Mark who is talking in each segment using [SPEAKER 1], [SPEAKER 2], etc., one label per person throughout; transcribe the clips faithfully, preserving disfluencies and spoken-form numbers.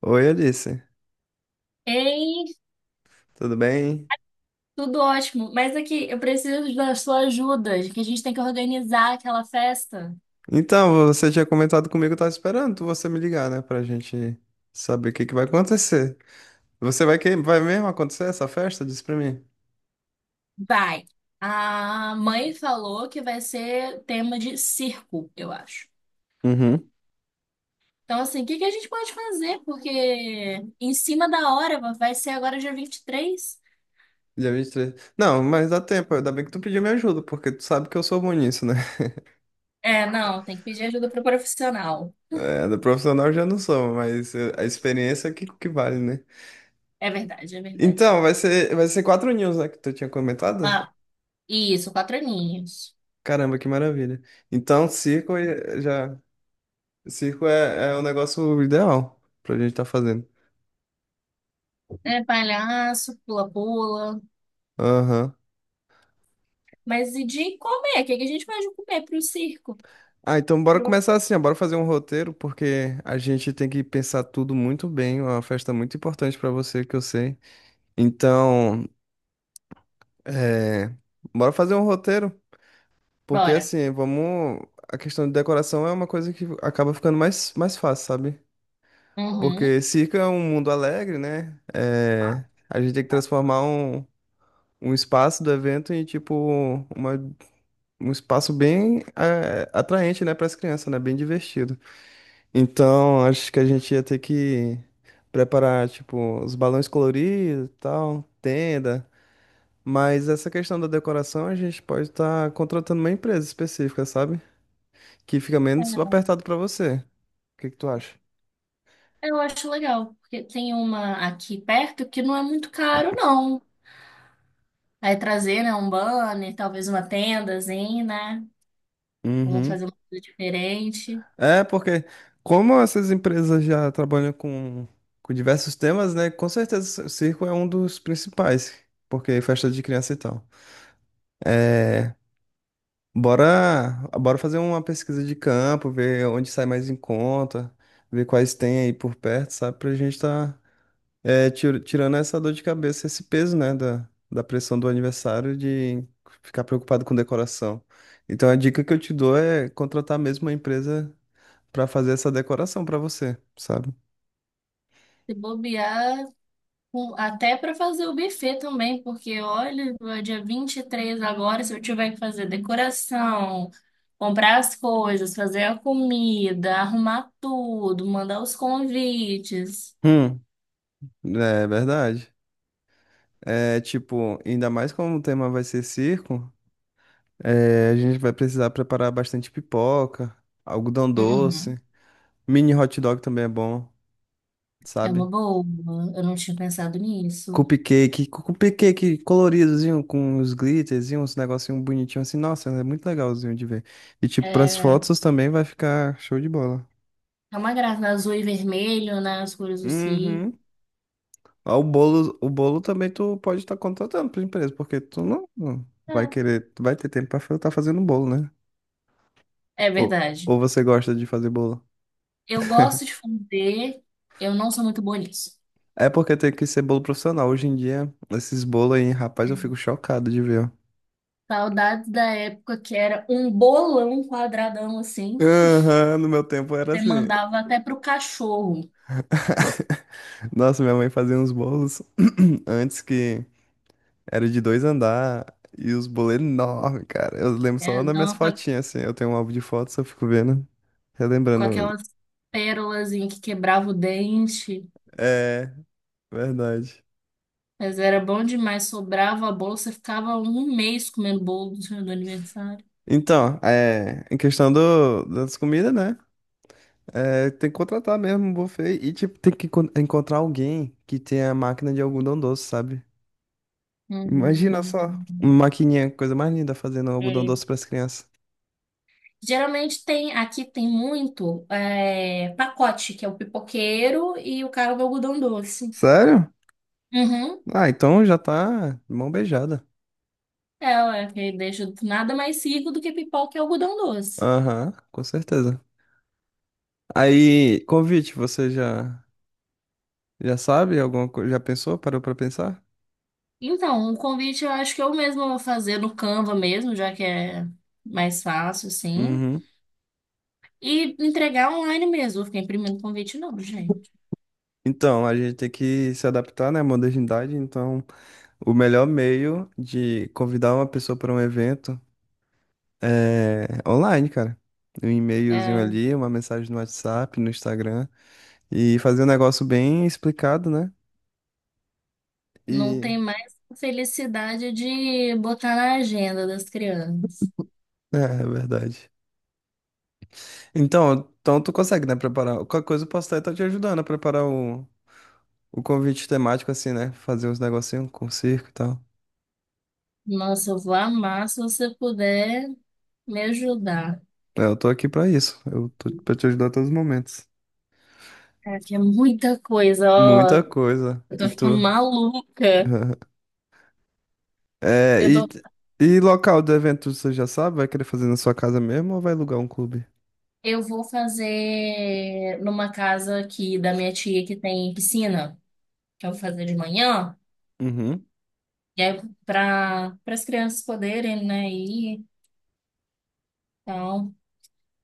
[SPEAKER 1] Oi, Alice.
[SPEAKER 2] Ei,
[SPEAKER 1] Tudo bem?
[SPEAKER 2] tudo ótimo. Mas aqui, eu preciso da sua ajuda, que a gente tem que organizar aquela festa.
[SPEAKER 1] Então, você tinha comentado comigo, eu tava esperando você me ligar, né? Pra gente saber o que que vai acontecer. Você vai que vai mesmo acontecer essa festa? Diz pra mim.
[SPEAKER 2] Vai. A mãe falou que vai ser tema de circo, eu acho.
[SPEAKER 1] Uhum.
[SPEAKER 2] Então, assim, o que que a gente pode fazer? Porque em cima da hora, vai ser agora dia vinte e três.
[SPEAKER 1] Dia vinte e três. Não, mas dá tempo. Ainda bem que tu pediu minha ajuda, porque tu sabe que eu sou bom nisso, né?
[SPEAKER 2] É, não, tem que pedir ajuda para o profissional.
[SPEAKER 1] É, do profissional eu já não sou, mas eh, a experiência é que, que vale, né?
[SPEAKER 2] É verdade, é verdade.
[SPEAKER 1] Então, vai ser, vai ser quatro news, né? Que tu tinha comentado?
[SPEAKER 2] Ah, isso, quatro aninhos.
[SPEAKER 1] Caramba, que maravilha. Então, cinco eh, já. Circo é, é o negócio ideal pra gente tá fazendo.
[SPEAKER 2] É palhaço, pula-pula.
[SPEAKER 1] Aham.
[SPEAKER 2] Mas e de comer? O que que a gente pode comer para o circo?
[SPEAKER 1] Ah, então bora começar assim, ó, bora fazer um roteiro, porque a gente tem que pensar tudo muito bem, é uma festa muito importante pra você, que eu sei. Então, é, bora fazer um roteiro, porque
[SPEAKER 2] Bora.
[SPEAKER 1] assim, vamos. A questão de decoração é uma coisa que acaba ficando mais, mais fácil, sabe?
[SPEAKER 2] Uhum.
[SPEAKER 1] Porque circo é um mundo alegre, né? É, a gente tem que transformar um, um espaço do evento em, tipo, uma um espaço bem eh, atraente, né, para as crianças, né, bem divertido. Então, acho que a gente ia ter que preparar, tipo, os balões coloridos, e tal, tenda, mas essa questão da decoração a gente pode estar contratando uma empresa específica, sabe? Que fica menos apertado para você. O que que tu acha?
[SPEAKER 2] Eu acho legal, porque tem uma aqui perto que não é muito caro, não. Aí trazer, né, um banner, talvez uma tendazinha, né? Vamos
[SPEAKER 1] Uhum.
[SPEAKER 2] fazer uma coisa diferente.
[SPEAKER 1] É, porque como essas empresas já trabalham com, com diversos temas, né, com certeza o circo é um dos principais, porque é festa de criança e tal. É, Bora, bora fazer uma pesquisa de campo, ver onde sai mais em conta, ver quais tem aí por perto, sabe? Pra gente tá é, tir- tirando essa dor de cabeça, esse peso, né? Da, da pressão do aniversário de ficar preocupado com decoração. Então a dica que eu te dou é contratar mesmo uma empresa pra fazer essa decoração pra você, sabe?
[SPEAKER 2] Se bobear, com- até para fazer o buffet também, porque olha, é dia vinte e três agora, se eu tiver que fazer decoração, comprar as coisas, fazer a comida, arrumar tudo, mandar os convites.
[SPEAKER 1] Hum, é verdade. É tipo, ainda mais como o tema vai ser circo, é, a gente vai precisar preparar bastante pipoca, algodão doce.
[SPEAKER 2] Uhum.
[SPEAKER 1] Mini hot dog também é bom,
[SPEAKER 2] É uma
[SPEAKER 1] sabe?
[SPEAKER 2] boa. Eu não tinha pensado nisso.
[SPEAKER 1] Cupcake, cu- cupcake coloridozinho com os glitters e uns negocinho bonitinho assim. Nossa, é muito legalzinho de ver. E tipo, pras
[SPEAKER 2] É,
[SPEAKER 1] fotos também vai ficar show de bola.
[SPEAKER 2] é uma graça, né? Azul e vermelho, né? As cores do si.
[SPEAKER 1] Uhum. Ah, O bolo, o bolo também tu pode estar contratando pra empresa, porque tu não não vai
[SPEAKER 2] É,
[SPEAKER 1] querer, tu vai ter tempo pra estar fazendo bolo, né?
[SPEAKER 2] é
[SPEAKER 1] Ou,
[SPEAKER 2] verdade.
[SPEAKER 1] ou você gosta de fazer bolo?
[SPEAKER 2] Eu gosto de fazer, eu não sou muito boa nisso.
[SPEAKER 1] É porque tem que ser bolo profissional. Hoje em dia, esses bolos aí, rapaz, eu fico chocado de ver, ó.
[SPEAKER 2] Saudades da época que era um bolão quadradão assim.
[SPEAKER 1] Aham, no meu tempo era
[SPEAKER 2] Você
[SPEAKER 1] assim.
[SPEAKER 2] mandava até pro cachorro,
[SPEAKER 1] Nossa, minha mãe fazia uns bolos antes que era de dois andar e os bolos enormes, cara. Eu lembro só
[SPEAKER 2] né?
[SPEAKER 1] nas minhas
[SPEAKER 2] Não, com, a-
[SPEAKER 1] fotinhas, assim. Eu tenho um álbum de fotos, eu fico vendo,
[SPEAKER 2] Com
[SPEAKER 1] relembrando.
[SPEAKER 2] aquelas pérolas em que quebrava o dente.
[SPEAKER 1] É, verdade.
[SPEAKER 2] Mas era bom demais, sobrava a bolo, você ficava um mês comendo bolo do seu- do aniversário.
[SPEAKER 1] Então, é, em questão do, das comidas, né? É, tem que contratar mesmo um buffet e, tipo, tem que encon- encontrar alguém que tenha máquina de algodão doce, sabe? Imagina só, uma
[SPEAKER 2] Uhum.
[SPEAKER 1] maquininha, coisa mais linda, fazendo algodão doce para as crianças.
[SPEAKER 2] Geralmente tem, aqui tem muito é, pacote, que é o pipoqueiro e o cara do algodão doce.
[SPEAKER 1] Sério?
[SPEAKER 2] Uhum.
[SPEAKER 1] Ah, então já tá mão beijada.
[SPEAKER 2] É, ué, que deixa nada mais rico do que pipoca e algodão doce.
[SPEAKER 1] Aham, com certeza. Aí, convite, você já já sabe alguma coisa? Já pensou? Parou pra pensar?
[SPEAKER 2] Então, o convite eu acho que eu mesma vou fazer no Canva mesmo, já que é mais fácil, assim.
[SPEAKER 1] Uhum.
[SPEAKER 2] E entregar online mesmo, vou ficar imprimindo convite não, gente.
[SPEAKER 1] Então, a gente tem que se adaptar, né, à modernidade. Então, o melhor meio de convidar uma pessoa para um evento é online, cara. Um e-mailzinho
[SPEAKER 2] É,
[SPEAKER 1] ali, uma mensagem no WhatsApp, no Instagram e fazer um negócio bem explicado, né?
[SPEAKER 2] não
[SPEAKER 1] E
[SPEAKER 2] tem mais felicidade de botar na agenda das crianças.
[SPEAKER 1] é, é verdade. Então, então tu consegue, né, preparar? Qualquer coisa eu posso estar te ajudando a preparar o o convite temático, assim, né? Fazer uns negocinhos com circo e tal.
[SPEAKER 2] Nossa, eu vou amar se você puder me ajudar.
[SPEAKER 1] É, eu tô aqui pra isso. Eu tô pra te ajudar a todos os momentos.
[SPEAKER 2] É, que é muita coisa,
[SPEAKER 1] Muita
[SPEAKER 2] ó.
[SPEAKER 1] coisa.
[SPEAKER 2] Eu
[SPEAKER 1] E
[SPEAKER 2] tô ficando
[SPEAKER 1] tu?
[SPEAKER 2] maluca.
[SPEAKER 1] É,
[SPEAKER 2] Eu
[SPEAKER 1] e,
[SPEAKER 2] tô,
[SPEAKER 1] e local do evento, você já sabe? Vai querer fazer na sua casa mesmo ou vai alugar um clube?
[SPEAKER 2] eu vou fazer numa casa aqui da minha tia que tem piscina, que eu vou fazer de manhã,
[SPEAKER 1] Uhum,
[SPEAKER 2] e aí para as crianças poderem, né, ir. Então,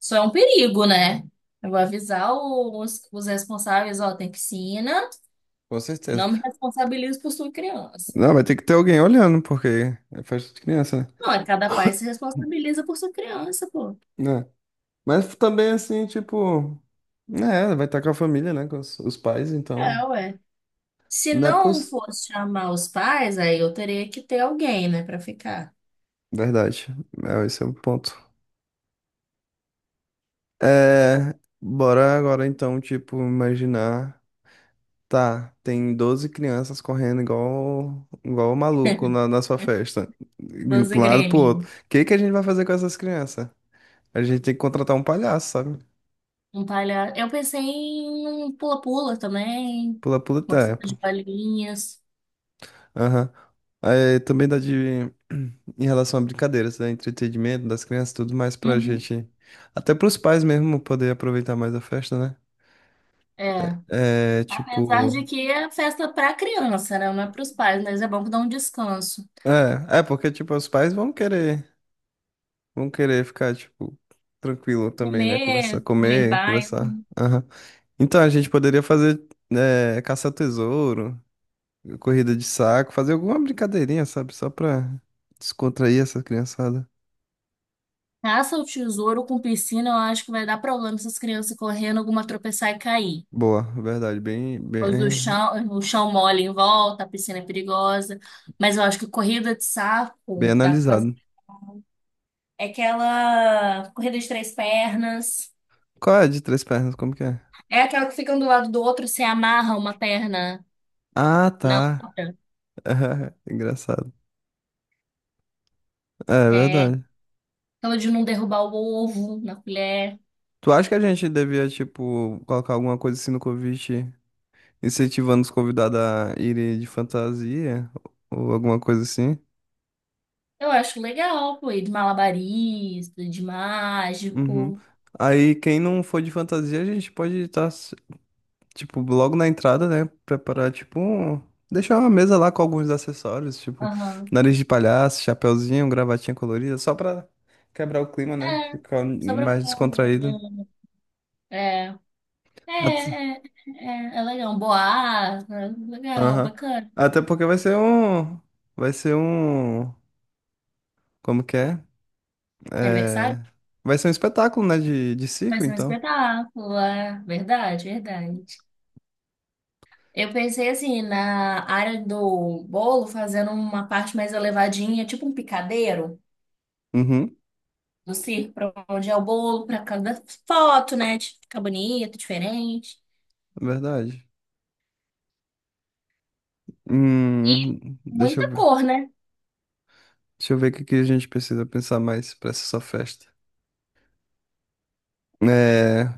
[SPEAKER 2] isso é um perigo, né? Eu vou avisar os, os responsáveis, ó, tem piscina,
[SPEAKER 1] com
[SPEAKER 2] não me
[SPEAKER 1] certeza.
[SPEAKER 2] responsabilizo por sua criança.
[SPEAKER 1] Não, vai ter que ter alguém olhando, porque é festa de criança,
[SPEAKER 2] Não, é cada pai se responsabiliza por sua criança, pô.
[SPEAKER 1] né? É. Mas também, assim, tipo... Né, vai estar com a família, né? Com os, os pais,
[SPEAKER 2] É,
[SPEAKER 1] então.
[SPEAKER 2] ué. Se
[SPEAKER 1] Não é
[SPEAKER 2] não
[SPEAKER 1] poss...
[SPEAKER 2] fosse chamar os pais, aí eu teria que ter alguém, né, pra ficar.
[SPEAKER 1] Verdade. É, esse é o ponto. É, bora agora então, tipo, imaginar. Tá, tem doze crianças correndo igual, igual o maluco na, na sua festa, indo
[SPEAKER 2] Doze
[SPEAKER 1] pra um lado e pro outro.
[SPEAKER 2] Gremlin.
[SPEAKER 1] O que que a gente vai fazer com essas crianças? A gente tem que contratar um palhaço, sabe?
[SPEAKER 2] Um palha... Eu pensei em um pula-pula também,
[SPEAKER 1] Pula, pula e
[SPEAKER 2] uma piscina
[SPEAKER 1] tempo.
[SPEAKER 2] de bolinhas.
[SPEAKER 1] Aham. Aí também dá de, em relação a brincadeiras, né? Entretenimento das crianças, tudo mais pra
[SPEAKER 2] Uhum.
[SPEAKER 1] gente. Até pros pais mesmo poder aproveitar mais a festa, né?
[SPEAKER 2] É.
[SPEAKER 1] É,
[SPEAKER 2] Apesar
[SPEAKER 1] tipo.
[SPEAKER 2] de que é festa pra criança, né? Não é pros pais, mas é bom que dá um descanso.
[SPEAKER 1] É, é porque, tipo, os pais vão querer. Vão querer ficar, tipo, tranquilo também, né? Conversar,
[SPEAKER 2] Comer, comer em
[SPEAKER 1] comer,
[SPEAKER 2] paz.
[SPEAKER 1] conversar. Aham. Então, a gente poderia fazer é, caça ao tesouro, corrida de saco, fazer alguma brincadeirinha, sabe? Só pra descontrair essa criançada.
[SPEAKER 2] Caça o tesouro com piscina, eu acho que vai dar problema essas crianças correndo, alguma tropeçar e cair.
[SPEAKER 1] Boa, verdade. Bem,
[SPEAKER 2] Os do
[SPEAKER 1] bem,
[SPEAKER 2] chão, o chão mole em volta, a piscina é perigosa. Mas eu acho que corrida de
[SPEAKER 1] bem
[SPEAKER 2] saco dá pra fazer.
[SPEAKER 1] analisado.
[SPEAKER 2] É aquela corrida de três pernas.
[SPEAKER 1] Qual é a de três pernas? Como que é?
[SPEAKER 2] É aquela que fica um do lado do outro, você amarra uma perna
[SPEAKER 1] Ah,
[SPEAKER 2] na
[SPEAKER 1] tá.
[SPEAKER 2] outra.
[SPEAKER 1] Engraçado. É,
[SPEAKER 2] É
[SPEAKER 1] verdade.
[SPEAKER 2] aquela de não derrubar o ovo na colher.
[SPEAKER 1] Tu acha que a gente devia, tipo, colocar alguma coisa assim no convite, incentivando os convidados a irem de fantasia ou alguma coisa assim?
[SPEAKER 2] Eu acho legal, pô, e de malabarista, de
[SPEAKER 1] Uhum.
[SPEAKER 2] mágico.
[SPEAKER 1] Aí quem não for de fantasia, a gente pode estar, tipo, logo na entrada, né? Preparar, tipo, um- deixar uma mesa lá com alguns acessórios, tipo,
[SPEAKER 2] Aham.
[SPEAKER 1] nariz de palhaço, chapeuzinho, gravatinha colorida, só pra quebrar o clima, né?
[SPEAKER 2] É,
[SPEAKER 1] Ficar
[SPEAKER 2] só pra
[SPEAKER 1] mais
[SPEAKER 2] ficar.
[SPEAKER 1] descontraído.
[SPEAKER 2] É, é,
[SPEAKER 1] At-
[SPEAKER 2] é, é, é legal. Boa, legal,
[SPEAKER 1] Aham.
[SPEAKER 2] bacana.
[SPEAKER 1] Até porque vai ser um. Vai ser um. Como que é?
[SPEAKER 2] Aniversário?
[SPEAKER 1] É, vai ser um espetáculo, né? De, de
[SPEAKER 2] Vai
[SPEAKER 1] circo,
[SPEAKER 2] ser um
[SPEAKER 1] então.
[SPEAKER 2] espetáculo, é verdade, verdade. Eu pensei assim, na área do bolo, fazendo uma parte mais elevadinha, tipo um picadeiro
[SPEAKER 1] Uhum,
[SPEAKER 2] do circo, pra onde é o bolo, pra cada foto, né? de Ficar bonito, diferente.
[SPEAKER 1] verdade.
[SPEAKER 2] E
[SPEAKER 1] Hum, deixa eu
[SPEAKER 2] muita
[SPEAKER 1] ver.
[SPEAKER 2] cor, né?
[SPEAKER 1] Deixa eu ver o que que a gente precisa pensar mais pra essa sua festa. É,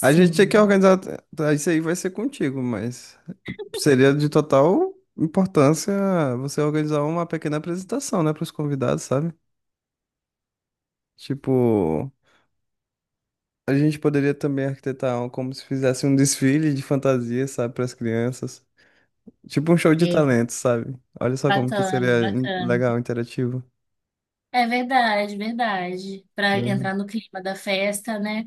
[SPEAKER 1] a gente tinha que organizar. Tá, isso aí vai ser contigo, mas seria de total importância você organizar uma pequena apresentação, né, para os convidados, sabe? Tipo, a gente poderia também arquitetar um- como se fizesse um desfile de fantasia, sabe, para as crianças. Tipo um show de
[SPEAKER 2] É,
[SPEAKER 1] talentos, sabe? Olha só como que
[SPEAKER 2] bacana,
[SPEAKER 1] seria in-
[SPEAKER 2] bacana.
[SPEAKER 1] legal, interativo.
[SPEAKER 2] É verdade, verdade. Pra entrar no clima da festa, né?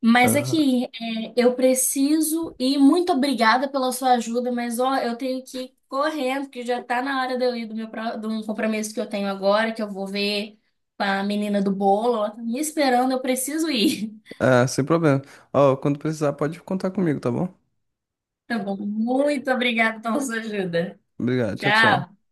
[SPEAKER 2] Mas
[SPEAKER 1] Uhum.
[SPEAKER 2] aqui, é, eu preciso e muito obrigada pela sua ajuda, mas ó, eu tenho que ir correndo, porque já tá na hora de eu ir do meu pro- de um compromisso que eu tenho agora, que eu vou ver com a menina do bolo, ela tá me esperando, eu preciso ir.
[SPEAKER 1] Ah, sem problema. Ó, quando precisar, pode contar comigo, tá bom?
[SPEAKER 2] Tá bom, muito obrigada pela sua ajuda.
[SPEAKER 1] Obrigado. Tchau,
[SPEAKER 2] Tchau.
[SPEAKER 1] tchau.